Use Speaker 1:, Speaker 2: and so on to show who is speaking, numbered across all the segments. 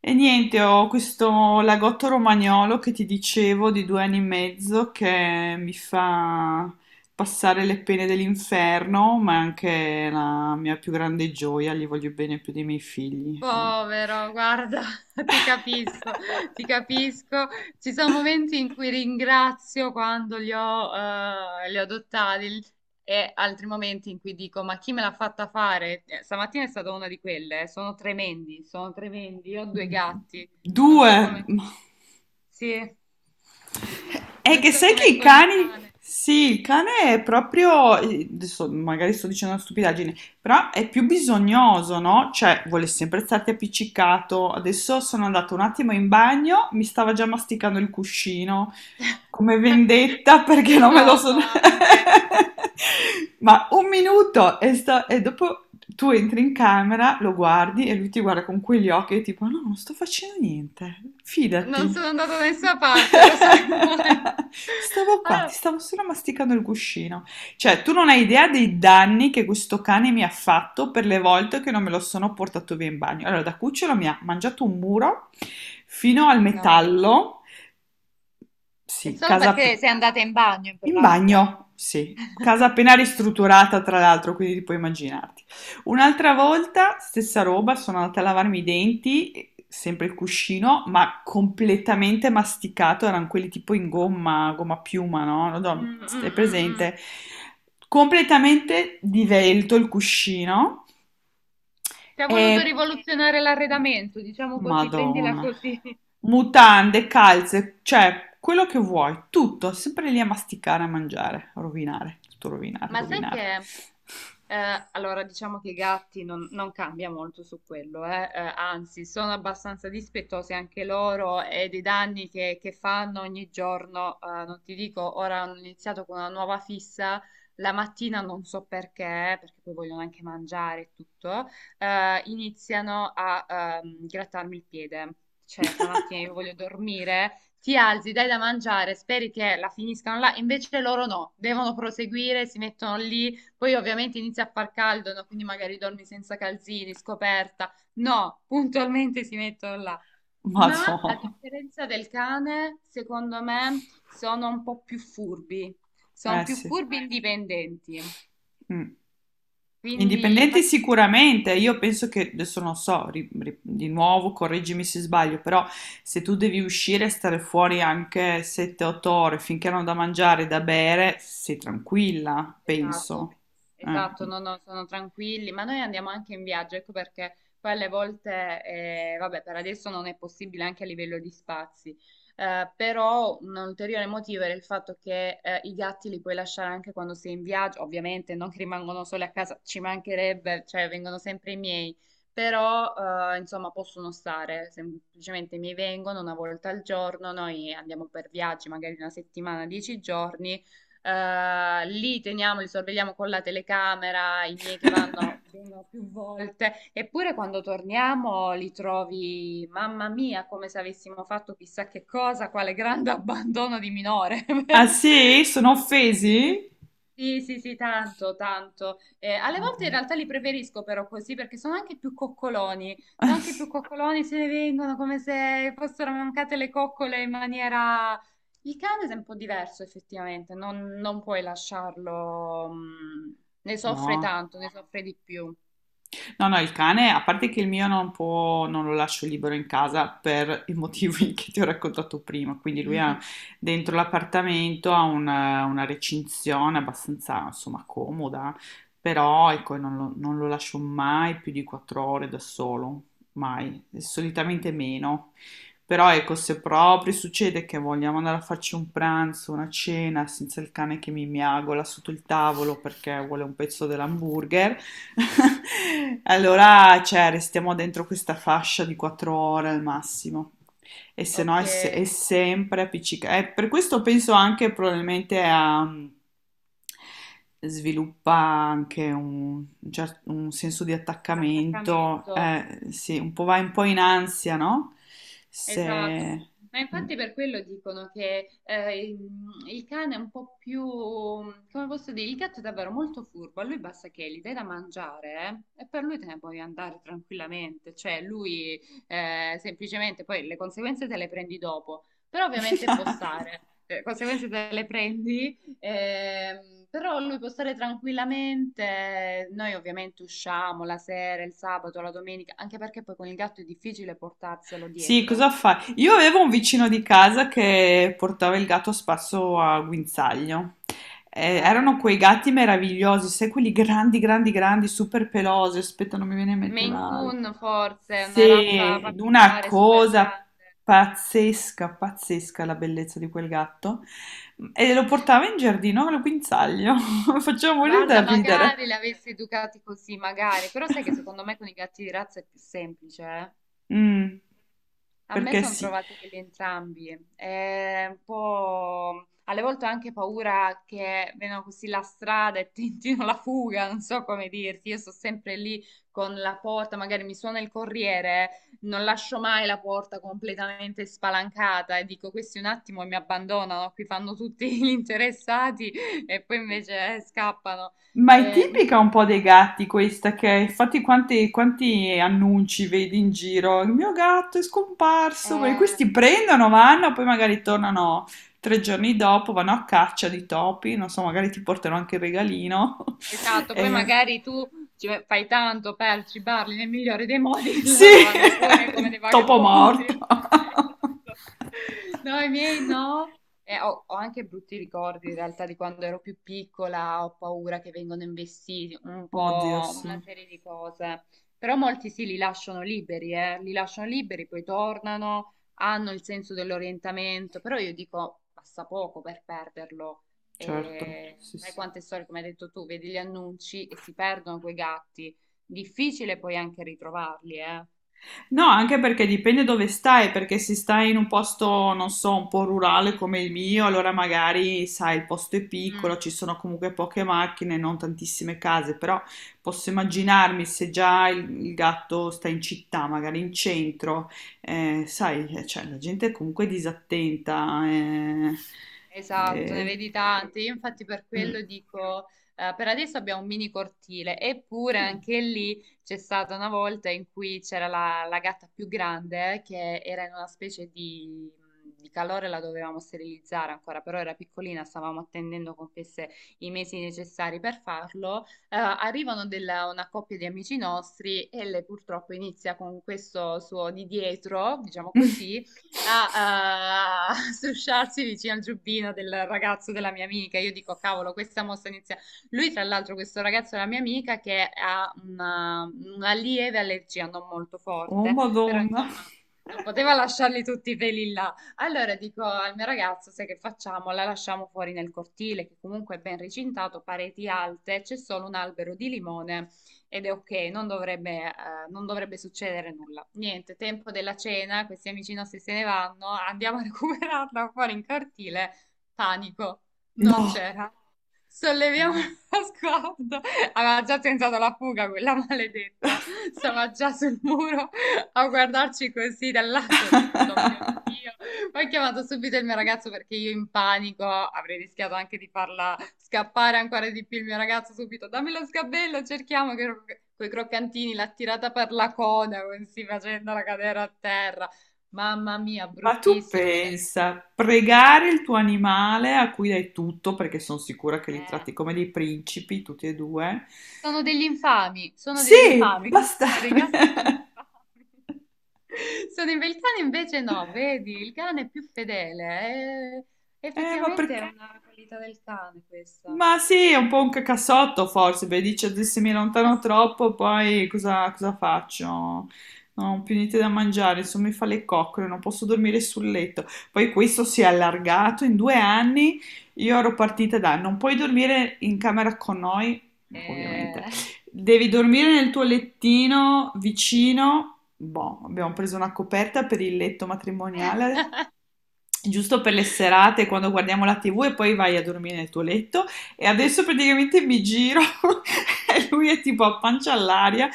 Speaker 1: E niente, ho questo lagotto romagnolo che ti dicevo di 2 anni e mezzo che mi fa passare le pene dell'inferno, ma è anche la mia più grande gioia, gli voglio bene più dei miei figli. Eh.
Speaker 2: Povero, guarda, ti capisco, ti capisco. Ci sono momenti in cui ringrazio quando li ho adottati e altri momenti in cui dico, ma chi me l'ha fatta fare? Stamattina è stata una di quelle, sono tremendi, sono tremendi. Io ho due gatti, non so
Speaker 1: Due!
Speaker 2: come... Sì,
Speaker 1: È
Speaker 2: non
Speaker 1: che
Speaker 2: so
Speaker 1: sai che
Speaker 2: come
Speaker 1: i
Speaker 2: con il
Speaker 1: cani,
Speaker 2: cane.
Speaker 1: sì, il cane è proprio, adesso magari sto dicendo una stupidaggine, però è più bisognoso, no? Cioè, vuole sempre starti appiccicato. Adesso sono andata un attimo in bagno, mi stava già masticando il cuscino. Come vendetta perché non me lo
Speaker 2: Rispettoso
Speaker 1: sono...
Speaker 2: anche.
Speaker 1: Ma un minuto e, e dopo tu entri in camera, lo guardi e lui ti guarda con quegli occhi e tipo no, non sto facendo niente,
Speaker 2: Non
Speaker 1: fidati.
Speaker 2: sono andata da nessuna parte, ero solo in bagno.
Speaker 1: Stavo qua, ti
Speaker 2: Allora,
Speaker 1: stavo solo masticando il cuscino. Cioè, tu non hai idea dei danni che questo cane mi ha fatto per le volte che non me lo sono portato via in bagno. Allora, da cucciolo mi ha mangiato un muro fino al
Speaker 2: no,
Speaker 1: metallo,
Speaker 2: è
Speaker 1: sì,
Speaker 2: solo perché sei andata in bagno in
Speaker 1: in
Speaker 2: pratica.
Speaker 1: bagno, sì. Casa appena ristrutturata, tra l'altro, quindi ti puoi immaginarti. Un'altra volta, stessa roba, sono andata a lavarmi i denti, sempre il cuscino, ma completamente masticato, erano quelli tipo in gomma, gomma piuma, no? Non
Speaker 2: Mm,
Speaker 1: so,
Speaker 2: mm,
Speaker 1: è
Speaker 2: mm, mm.
Speaker 1: presente? Completamente divelto il cuscino.
Speaker 2: Ti ha voluto
Speaker 1: E
Speaker 2: rivoluzionare l'arredamento, diciamo così, prendila
Speaker 1: Madonna.
Speaker 2: così.
Speaker 1: Mutande, calze, cioè quello che vuoi, tutto, sempre lì a masticare, a mangiare, a rovinare, tutto rovinare,
Speaker 2: Ma sai
Speaker 1: rovinare.
Speaker 2: che, allora diciamo che i gatti non cambia molto su quello, eh. Anzi sono abbastanza dispettosi anche loro e dei danni che fanno ogni giorno, non ti dico, ora hanno iniziato con una nuova fissa, la mattina non so perché, perché poi vogliono anche mangiare e tutto, iniziano a grattarmi il piede. Cioè, la mattina io voglio dormire, ti alzi, dai da mangiare, speri che la finiscano là, invece loro no, devono proseguire, si mettono lì, poi ovviamente inizia a far caldo, no? Quindi magari dormi senza calzini, scoperta. No, puntualmente si mettono là. Ma a
Speaker 1: Madonna.
Speaker 2: differenza del cane, secondo me sono un po' più furbi, sono
Speaker 1: Eh
Speaker 2: più
Speaker 1: sì.
Speaker 2: furbi e indipendenti.
Speaker 1: Mm.
Speaker 2: Quindi,
Speaker 1: Indipendenti
Speaker 2: infatti,
Speaker 1: sicuramente, io penso che, adesso non so, di nuovo correggimi se sbaglio, però se tu devi uscire e stare fuori anche 7-8 ore finché hanno da mangiare e da bere, sei tranquilla,
Speaker 2: esatto,
Speaker 1: penso.
Speaker 2: esatto,
Speaker 1: Eh.
Speaker 2: no, no, sono tranquilli, ma noi andiamo anche in viaggio, ecco perché poi alle volte, vabbè, per adesso non è possibile anche a livello di spazi, però un ulteriore motivo era il fatto che i gatti li puoi lasciare anche quando sei in viaggio, ovviamente non che rimangono soli a casa, ci mancherebbe, cioè vengono sempre i miei, però insomma possono stare, semplicemente mi vengono una volta al giorno, noi andiamo per viaggi, magari una settimana, dieci giorni li teniamo, li sorvegliamo con la telecamera, i miei che vanno vengono più volte, eppure quando torniamo li trovi, mamma mia, come se avessimo fatto chissà che cosa, quale grande abbandono di minore.
Speaker 1: Ah sì? Sono
Speaker 2: Sì,
Speaker 1: offesi?
Speaker 2: sì, sì, sì, tanto, tanto. Alle
Speaker 1: Ma
Speaker 2: volte in
Speaker 1: dai.
Speaker 2: realtà li preferisco però così perché sono anche più coccoloni. Sono anche più coccoloni, se ne vengono come se fossero mancate le coccole in maniera... Il cane è un po' diverso effettivamente, non puoi lasciarlo... mm, ne soffre
Speaker 1: No.
Speaker 2: tanto, ne soffre di più.
Speaker 1: No, no, il cane, a parte che il mio non può, non lo lascio libero in casa per i motivi che ti ho raccontato prima, quindi lui ha dentro l'appartamento ha una recinzione abbastanza, insomma, comoda, però ecco, non lo lascio mai più di 4 ore da solo, mai, solitamente meno. Però ecco, se proprio succede che vogliamo andare a farci un pranzo, una cena, senza il cane che mi miagola sotto il tavolo perché vuole un pezzo dell'hamburger, allora, cioè, restiamo dentro questa fascia di 4 ore al massimo. E se no
Speaker 2: Ok,
Speaker 1: è, è sempre appiccicato. Per questo penso anche probabilmente a... sviluppa anche un, un senso di
Speaker 2: un
Speaker 1: attaccamento,
Speaker 2: attaccamento.
Speaker 1: sì, un po' vai un po' in ansia, no?
Speaker 2: Esatto,
Speaker 1: Se...
Speaker 2: ma infatti per quello dicono che il cane è un po' più, come posso dire, il gatto è davvero molto furbo, a lui basta che gli dai da mangiare e per lui te ne puoi andare tranquillamente, cioè lui semplicemente poi le conseguenze te le prendi dopo, però ovviamente può stare, le conseguenze te le prendi, però lui può stare tranquillamente, noi ovviamente usciamo la sera, il sabato, la domenica, anche perché poi con il gatto è difficile portarselo
Speaker 1: Sì, cosa
Speaker 2: dietro.
Speaker 1: fai? Io avevo un vicino di casa che portava il gatto spasso a guinzaglio. Erano
Speaker 2: Eh,
Speaker 1: quei gatti meravigliosi, sai, quelli grandi, grandi, grandi, super pelosi. Aspetta, non mi viene in mente
Speaker 2: Maine
Speaker 1: la...
Speaker 2: Coon forse, è una razza
Speaker 1: Sì, una
Speaker 2: particolare, super
Speaker 1: cosa
Speaker 2: grande.
Speaker 1: pazzesca, pazzesca la bellezza di quel gatto. E lo portava in giardino al guinzaglio. Faceva morire
Speaker 2: Guarda,
Speaker 1: da
Speaker 2: magari
Speaker 1: ridere.
Speaker 2: l'avessi educati così, magari, però sai che secondo me con i gatti di razza è più semplice, eh?
Speaker 1: Mm,
Speaker 2: A me
Speaker 1: perché
Speaker 2: sono
Speaker 1: sì.
Speaker 2: trovatelli entrambi, è un po' alle volte ho anche paura che vengano così la strada e tentino la fuga, non so come dirti, io sto sempre lì con la porta, magari mi suona il corriere, non lascio mai la porta completamente spalancata e dico questi un attimo e mi abbandonano, qui fanno tutti gli interessati e poi invece scappano.
Speaker 1: Ma è
Speaker 2: Eh,
Speaker 1: tipica un po' dei gatti questa che infatti quanti, quanti annunci vedi in giro? Il mio gatto è scomparso, perché questi
Speaker 2: eh,
Speaker 1: prendono, vanno, poi magari tornano 3 giorni dopo, vanno a caccia di topi, non so, magari ti portano anche il regalino.
Speaker 2: Esatto, poi
Speaker 1: Eh,
Speaker 2: magari tu ci fai tanto per cibarli nel migliore dei modi e
Speaker 1: sì,
Speaker 2: loro vanno pure come dei
Speaker 1: il topo
Speaker 2: vagabondi.
Speaker 1: morto.
Speaker 2: Esatto. No, i miei no. E ho anche brutti ricordi in realtà di quando ero più piccola, ho paura che vengano investiti, un
Speaker 1: Oddio,
Speaker 2: po'
Speaker 1: sì,
Speaker 2: una serie di cose. Però molti sì, li lasciano liberi, li lasciano liberi, poi tornano, hanno il senso dell'orientamento, però io dico, passa poco per perderlo
Speaker 1: certo, sì,
Speaker 2: sai
Speaker 1: sì.
Speaker 2: quante storie, come hai detto tu, vedi gli annunci e si perdono quei gatti. Difficile poi anche ritrovarli, eh.
Speaker 1: No, anche perché dipende dove stai, perché se stai in un posto, non so, un po' rurale come il mio, allora magari, sai, il posto è piccolo, ci sono comunque poche macchine, non tantissime case, però posso immaginarmi se già il gatto sta in città, magari in centro, sai, cioè, la gente è comunque disattenta. Eh,
Speaker 2: Esatto, ne
Speaker 1: eh,
Speaker 2: vedi tante. Io infatti per
Speaker 1: mm.
Speaker 2: quello dico, per adesso abbiamo un mini cortile, eppure anche lì c'è stata una volta in cui c'era la gatta più grande che era in una specie di calore, la dovevamo sterilizzare ancora, però era piccolina, stavamo attendendo compiesse i mesi necessari per farlo. Arrivano una coppia di amici nostri e lei purtroppo inizia con questo suo di dietro, diciamo così a, a strusciarsi vicino al giubbino del ragazzo della mia amica. Io dico, cavolo, questa mossa inizia. Lui, tra l'altro, questo ragazzo della mia amica che ha una lieve allergia, non molto
Speaker 1: Oh,
Speaker 2: forte, però
Speaker 1: Madonna.
Speaker 2: insomma. Non poteva lasciarli tutti i peli là. Allora dico al mio ragazzo, sai che facciamo? La lasciamo fuori nel cortile, che comunque è ben recintato, pareti alte, c'è solo un albero di limone ed è ok, non dovrebbe, non dovrebbe succedere nulla. Niente, tempo della cena, questi amici nostri se ne vanno, andiamo a recuperarla fuori in cortile. Panico, non
Speaker 1: No.
Speaker 2: c'era.
Speaker 1: Oh,
Speaker 2: Solleviamo
Speaker 1: Madonna.
Speaker 2: lo sguardo. Aveva già tentato la fuga quella maledetta. Stava già sul muro a guardarci così dall'alto. Ho detto, "Oh mio Dio." Ho chiamato subito il mio ragazzo perché io in panico avrei rischiato anche di farla scappare ancora di più. Il mio ragazzo subito, dammi lo sgabello, cerchiamo che quei croccantini, l'ha tirata per la coda, così facendola cadere a terra. Mamma mia,
Speaker 1: Ma tu
Speaker 2: bruttissimo. Da lì-
Speaker 1: pensa, pregare il tuo animale a cui dai tutto, perché sono sicura che li
Speaker 2: eh,
Speaker 1: tratti come dei principi, tutti e due.
Speaker 2: sono degli infami, sono degli
Speaker 1: Sì,
Speaker 2: infami. No, i
Speaker 1: bastare.
Speaker 2: gatti sono infami. Il cane invece no, vedi, il cane è più fedele. Eh,
Speaker 1: Ma
Speaker 2: effettivamente è
Speaker 1: perché?
Speaker 2: una qualità del cane questa.
Speaker 1: Ma sì, è un po' un cacassotto forse, perché dice "Adesso se mi allontano troppo, poi cosa, cosa faccio? No, non ho più niente da mangiare, insomma mi fa le coccole, non posso dormire sul letto. Poi questo si è allargato in 2 anni, io ero partita da non puoi dormire in camera con noi, ovviamente,
Speaker 2: Eh,
Speaker 1: devi dormire nel tuo lettino vicino. Boh, abbiamo preso una coperta per il letto matrimoniale, giusto per le serate quando guardiamo la TV e poi vai a dormire nel tuo letto. E adesso praticamente mi giro e lui è tipo a pancia all'aria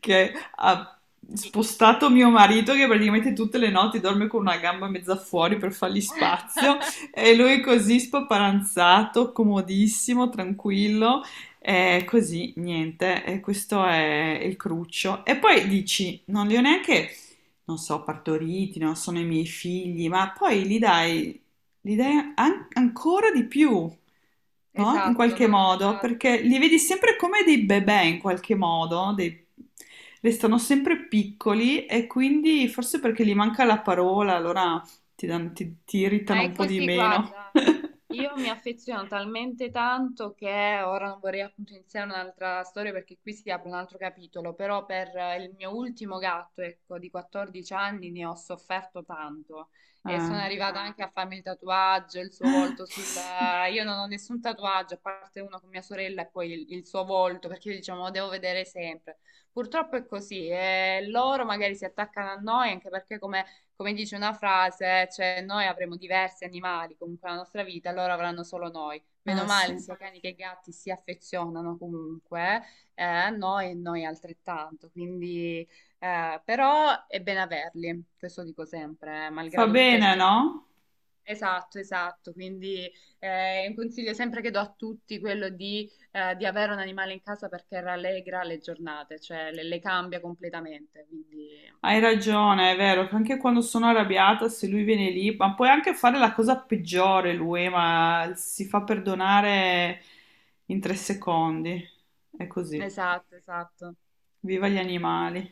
Speaker 1: che ha spostato mio marito che praticamente tutte le notti dorme con una gamba mezza fuori per fargli spazio e lui così spaparanzato, comodissimo, tranquillo. E così, niente, e questo è il cruccio. E poi dici, non li ho neanche, non so, partoriti, non sono i miei figli, ma poi li dai l'idea ancora di più, no? In
Speaker 2: esatto,
Speaker 1: qualche
Speaker 2: no, no,
Speaker 1: modo,
Speaker 2: esatto.
Speaker 1: perché li vedi sempre come dei bebè in qualche modo, dei- restano sempre piccoli e quindi forse perché gli manca la parola, allora ti, ti
Speaker 2: Ma
Speaker 1: irritano un
Speaker 2: è
Speaker 1: po' di
Speaker 2: così,
Speaker 1: meno.
Speaker 2: guarda, io mi affeziono talmente tanto che ora non vorrei appunto iniziare un'altra storia perché qui si apre un altro capitolo, però per il mio ultimo gatto, ecco, di 14 anni ne ho sofferto tanto e
Speaker 1: Eh.
Speaker 2: sono arrivata anche a farmi il tatuaggio, il suo volto sul... Io non ho nessun tatuaggio, a parte uno con mia sorella e poi il suo volto, perché io diciamo lo devo vedere sempre. Purtroppo è così, e loro magari si attaccano a noi anche perché come dice una frase, cioè noi avremo diversi animali comunque nella nostra vita, loro avranno solo noi. Meno
Speaker 1: Eh sì,
Speaker 2: male, sia cani che gatti si affezionano comunque a noi e noi altrettanto. Quindi, però è bene averli, questo dico sempre,
Speaker 1: fa
Speaker 2: malgrado tutte le
Speaker 1: bene, no?
Speaker 2: sofferenze. Esatto, esatto. Quindi un consiglio sempre che do a tutti quello di avere un animale in casa perché rallegra le giornate, cioè le cambia completamente. Quindi,
Speaker 1: Hai ragione, è vero, che anche quando sono arrabbiata, se lui viene lì, ma puoi anche fare la cosa peggiore lui, ma si fa perdonare in 3 secondi. È così.
Speaker 2: esatto, esatto.
Speaker 1: Viva gli animali.